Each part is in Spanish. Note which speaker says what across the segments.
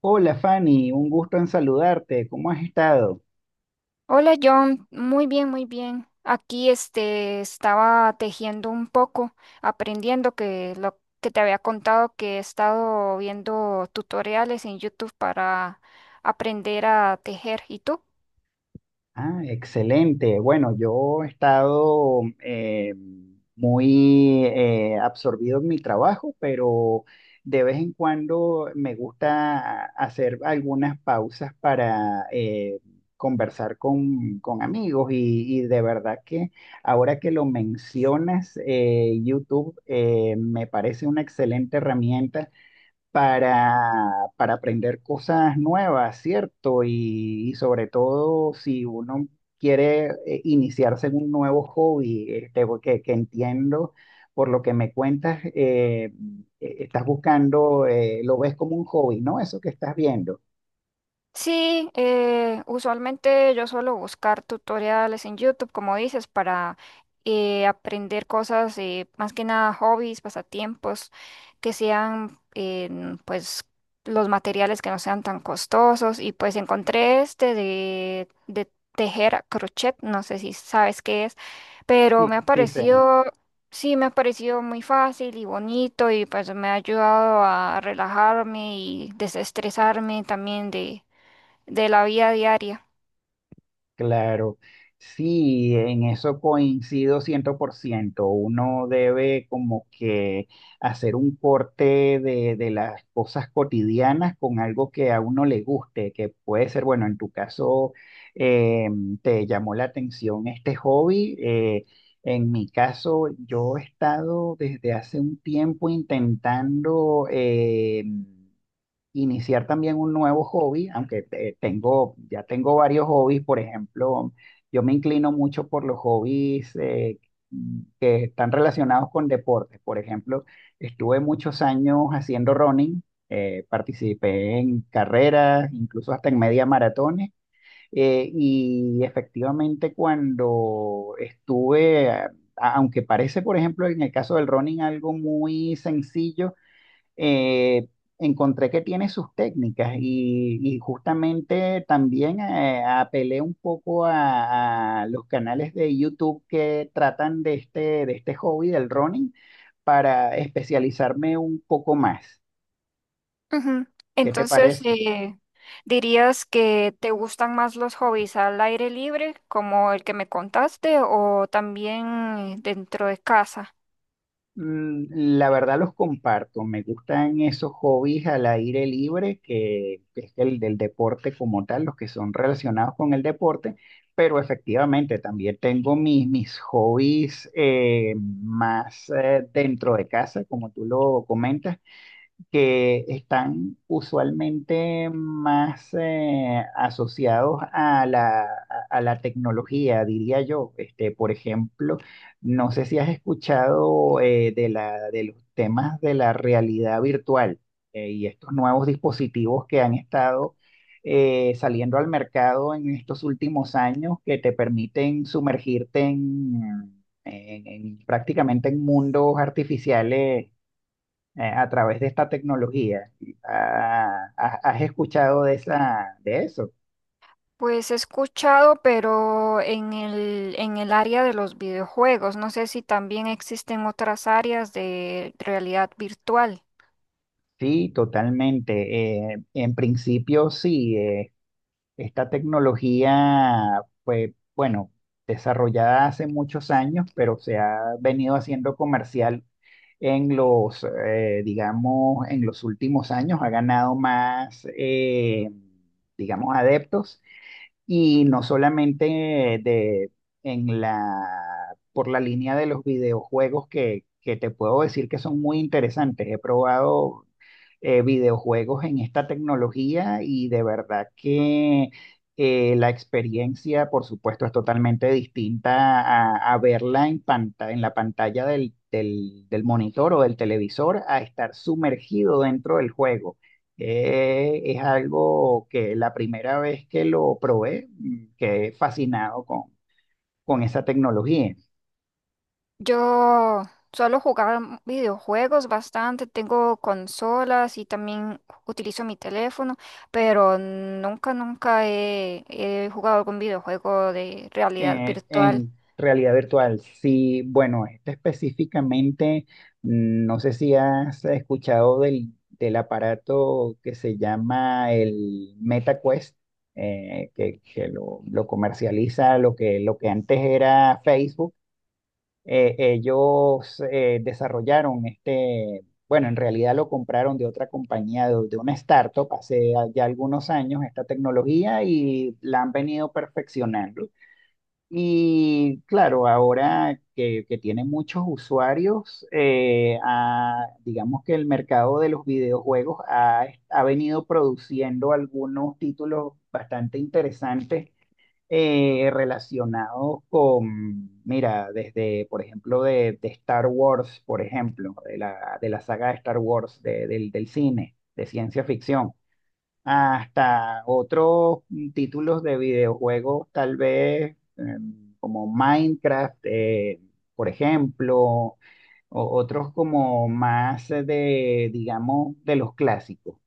Speaker 1: Hola Fanny, un gusto en saludarte. ¿Cómo has estado?
Speaker 2: Hola John, muy bien, muy bien. Aquí este estaba tejiendo un poco, aprendiendo que lo que te había contado, que he estado viendo tutoriales en YouTube para aprender a tejer. ¿Y tú?
Speaker 1: Ah, excelente. Bueno, yo he estado muy absorbido en mi trabajo, pero de vez en cuando me gusta hacer algunas pausas para conversar con amigos y de verdad que ahora que lo mencionas, YouTube me parece una excelente herramienta para aprender cosas nuevas, ¿cierto? Y sobre todo si uno quiere iniciarse en un nuevo hobby, este, porque que entiendo por lo que me cuentas, estás buscando, lo ves como un hobby, ¿no? Eso que estás viendo.
Speaker 2: Sí, usualmente yo suelo buscar tutoriales en YouTube, como dices, para aprender cosas, más que nada hobbies, pasatiempos, que sean en, pues los materiales que no sean tan costosos. Y pues encontré este de tejer a crochet, no sé si sabes qué es, pero
Speaker 1: Sí,
Speaker 2: me ha
Speaker 1: sí, sí,
Speaker 2: parecido, sí, me ha parecido muy fácil y bonito, y pues me ha ayudado a relajarme y desestresarme también de la vida diaria.
Speaker 1: Claro, sí, en eso coincido ciento por ciento. Uno debe como que hacer un corte de las cosas cotidianas con algo que a uno le guste, que puede ser, bueno, en tu caso eh, te llamó la atención este hobby. En mi caso, yo he estado desde hace un tiempo intentando iniciar también un nuevo hobby, aunque tengo, ya tengo varios hobbies. Por ejemplo, yo me inclino mucho por los hobbies que están relacionados con deportes. Por ejemplo, estuve muchos años haciendo running, participé en carreras, incluso hasta en media maratones. Y efectivamente cuando Aunque parece, por ejemplo, en el caso del running algo muy sencillo, eh, encontré que tiene sus técnicas y justamente también apelé un poco a los canales de YouTube que tratan de este hobby del running para especializarme un poco más.
Speaker 2: Ujú.
Speaker 1: ¿Qué te
Speaker 2: Entonces,
Speaker 1: parece?
Speaker 2: ¿dirías que te gustan más los hobbies al aire libre, como el que me contaste, o también dentro de casa?
Speaker 1: La verdad los comparto. Me gustan esos hobbies al aire libre, que es el del deporte como tal, los que son relacionados con el deporte, pero efectivamente también tengo mis hobbies más dentro de casa, como tú lo comentas, que están usualmente más asociados a a la tecnología, diría yo. Este, por ejemplo, no sé si has escuchado de los temas de la realidad virtual, y estos nuevos dispositivos que han estado saliendo al mercado en estos últimos años, que te permiten sumergirte en prácticamente en mundos artificiales a través de esta tecnología. Ah, ¿has escuchado de esa, de eso?
Speaker 2: Pues he escuchado, pero en el área de los videojuegos, no sé si también existen otras áreas de realidad virtual.
Speaker 1: Sí, totalmente. En principio, sí, esta tecnología fue, bueno, desarrollada hace muchos años, pero se ha venido haciendo comercial en digamos, en los últimos años, ha ganado más, digamos, adeptos. Y no solamente en la, por la línea de los videojuegos que te puedo decir que son muy interesantes. He probado videojuegos en esta tecnología y de verdad que la experiencia, por supuesto, es totalmente distinta a verla en en la pantalla del monitor o del televisor a estar sumergido dentro del juego. Es algo que la primera vez que lo probé, quedé fascinado con esa tecnología.
Speaker 2: Yo suelo jugar videojuegos bastante, tengo consolas y también utilizo mi teléfono, pero nunca, nunca he jugado algún videojuego de realidad virtual.
Speaker 1: En realidad virtual, sí, bueno, este específicamente, no sé si has escuchado del aparato que se llama el MetaQuest, que lo comercializa lo lo que antes era Facebook. Ellos desarrollaron este, bueno, en realidad lo compraron de otra compañía, de una startup, hace ya algunos años esta tecnología y la han venido perfeccionando. Y claro, ahora que tiene muchos usuarios, digamos que el mercado de los videojuegos ha, ha venido produciendo algunos títulos bastante interesantes, relacionados con, mira, desde, por ejemplo, de Star Wars, por ejemplo, de de la saga de Star Wars, del cine, de ciencia ficción, hasta otros títulos de videojuegos, tal vez como Minecraft, por ejemplo, o otros como más de, digamos, de los clásicos.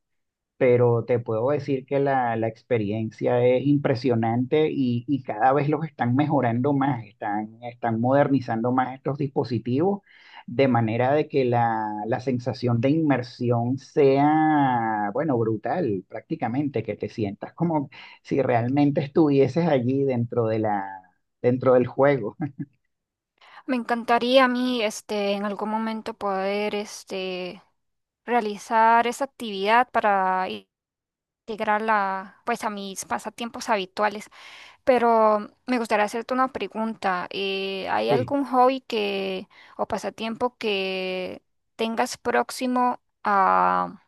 Speaker 1: Pero te puedo decir que la experiencia es impresionante y cada vez los están mejorando más, están modernizando más estos dispositivos, de manera de que la sensación de inmersión sea, bueno, brutal prácticamente, que te sientas como si realmente estuvieses allí dentro de dentro del juego.
Speaker 2: Me encantaría a mí, este, en algún momento poder, este, realizar esa actividad para integrarla, pues, a mis pasatiempos habituales. Pero me gustaría hacerte una pregunta. ¿Hay
Speaker 1: Sí.
Speaker 2: algún hobby que o pasatiempo que tengas próximo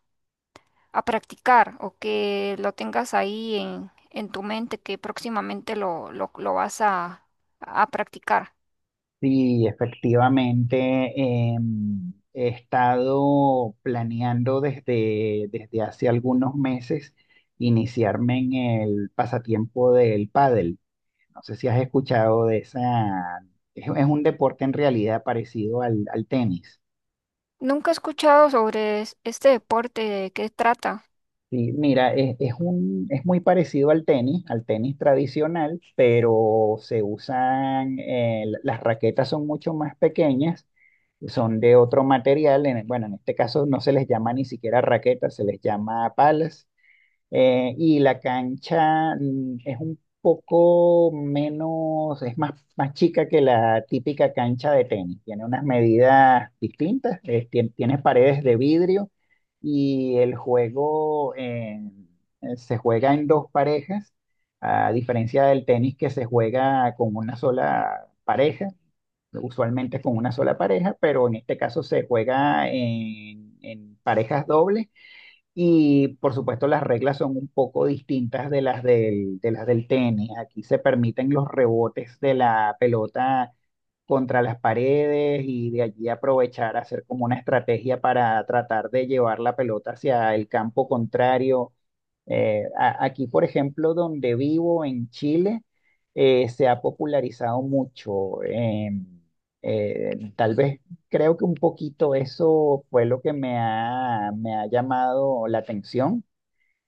Speaker 2: a practicar, o que lo tengas ahí en tu mente, que próximamente lo vas a practicar?
Speaker 1: Sí, efectivamente, he estado planeando desde hace algunos meses iniciarme en el pasatiempo del pádel. No sé si has escuchado de esa, es un deporte en realidad parecido al tenis.
Speaker 2: Nunca he escuchado sobre este deporte, ¿de qué trata?
Speaker 1: Sí, mira, es muy parecido al tenis tradicional, pero se usan, las raquetas son mucho más pequeñas, que son de otro material. Bueno, en este caso no se les llama ni siquiera raquetas, se les llama palas. Y la cancha es un poco menos, es más, más chica que la típica cancha de tenis. Tiene unas medidas distintas, tiene paredes de vidrio, y el juego se juega en dos parejas, a diferencia del tenis que se juega con una sola pareja, usualmente con una sola pareja, pero en este caso se juega en parejas dobles, y por supuesto las reglas son un poco distintas de de las del tenis. Aquí se permiten los rebotes de la pelota contra las paredes y de allí aprovechar, hacer como una estrategia para tratar de llevar la pelota hacia el campo contrario. Aquí, por ejemplo, donde vivo en Chile, se ha popularizado mucho. Tal vez creo que un poquito eso fue lo que me ha llamado la atención.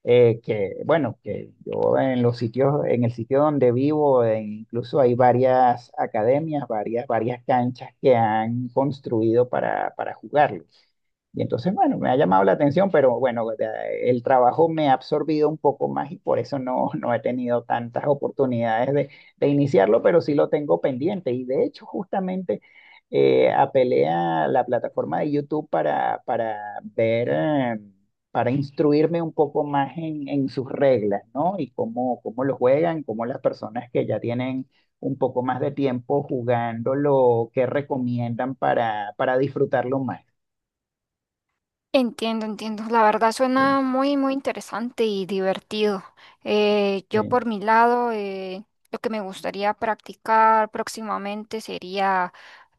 Speaker 1: Que bueno, que yo en los sitios, en el sitio donde vivo, incluso hay varias academias, varias canchas que han construido para jugarlo. Y entonces, bueno, me ha llamado la atención, pero bueno, el trabajo me ha absorbido un poco más y por eso no, no he tenido tantas oportunidades de iniciarlo, pero sí lo tengo pendiente. Y de hecho, justamente apelé a la plataforma de YouTube para ver, para instruirme un poco más en sus reglas, ¿no? Y cómo lo juegan, cómo las personas que ya tienen un poco más de tiempo jugándolo, qué recomiendan para disfrutarlo más.
Speaker 2: Entiendo, entiendo. La verdad
Speaker 1: ¿Sí?
Speaker 2: suena muy, muy interesante y divertido. Yo
Speaker 1: Eh,
Speaker 2: por mi lado, lo que me gustaría practicar próximamente sería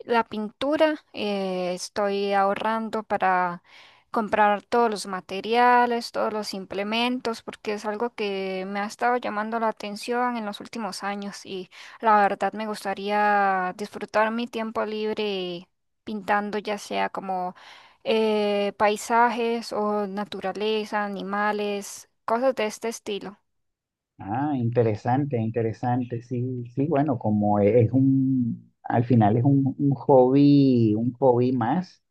Speaker 2: la pintura. Estoy ahorrando para comprar todos los materiales, todos los implementos, porque es algo que me ha estado llamando la atención en los últimos años, y la verdad me gustaría disfrutar mi tiempo libre pintando, ya sea como paisajes o naturaleza, animales, cosas de este estilo.
Speaker 1: Ah, interesante, interesante. Sí, sí, bueno, como al final es un hobby más.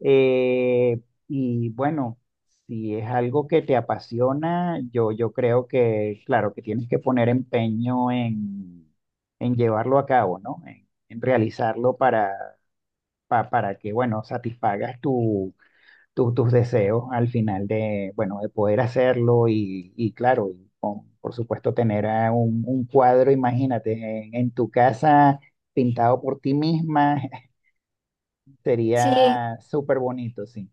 Speaker 1: eh, y bueno, si es algo que te apasiona, yo creo que, claro, que tienes que poner empeño en llevarlo a cabo, ¿no? En realizarlo para que, bueno, satisfagas tus deseos al final de, bueno, de poder hacerlo y claro, por supuesto tener un cuadro, imagínate, en tu casa pintado por ti misma,
Speaker 2: Sí,
Speaker 1: sería súper bonito, sí.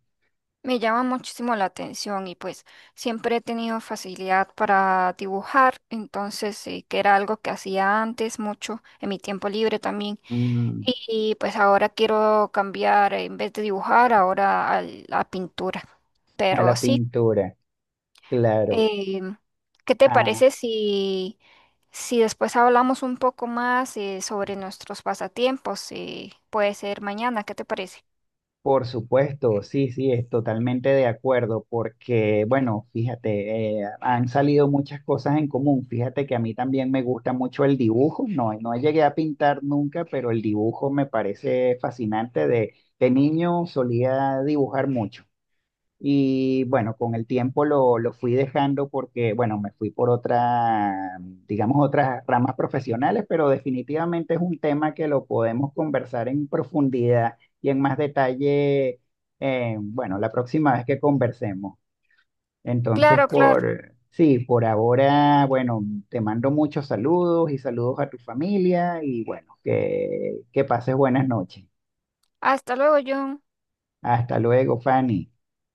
Speaker 2: me llama muchísimo la atención y pues siempre he tenido facilidad para dibujar, entonces sí, que era algo que hacía antes mucho en mi tiempo libre también.
Speaker 1: Mm,
Speaker 2: Y pues ahora quiero cambiar, en vez de dibujar, ahora a la pintura.
Speaker 1: a
Speaker 2: Pero
Speaker 1: la
Speaker 2: sí.
Speaker 1: pintura, claro.
Speaker 2: Eh, ¿Qué te
Speaker 1: Ah,
Speaker 2: parece si, si después hablamos un poco más sobre nuestros pasatiempos? Puede ser mañana, ¿qué te parece?
Speaker 1: Por supuesto, sí, sí, es totalmente de acuerdo, porque, bueno, fíjate, han salido muchas cosas en común. Fíjate que a mí también me gusta mucho el dibujo, no, no llegué a pintar nunca, pero el dibujo me parece fascinante. De niño solía dibujar mucho. Y bueno, con el tiempo lo fui dejando porque, bueno, me fui por otra, digamos, otras ramas profesionales, pero definitivamente es un tema que lo podemos conversar en profundidad y en más detalle, bueno, la próxima vez que conversemos. Entonces,
Speaker 2: Claro, claro.
Speaker 1: sí, por ahora, bueno, te mando muchos saludos y saludos a tu familia y bueno, que pases buenas noches.
Speaker 2: Hasta luego, John.
Speaker 1: Hasta luego, Fanny.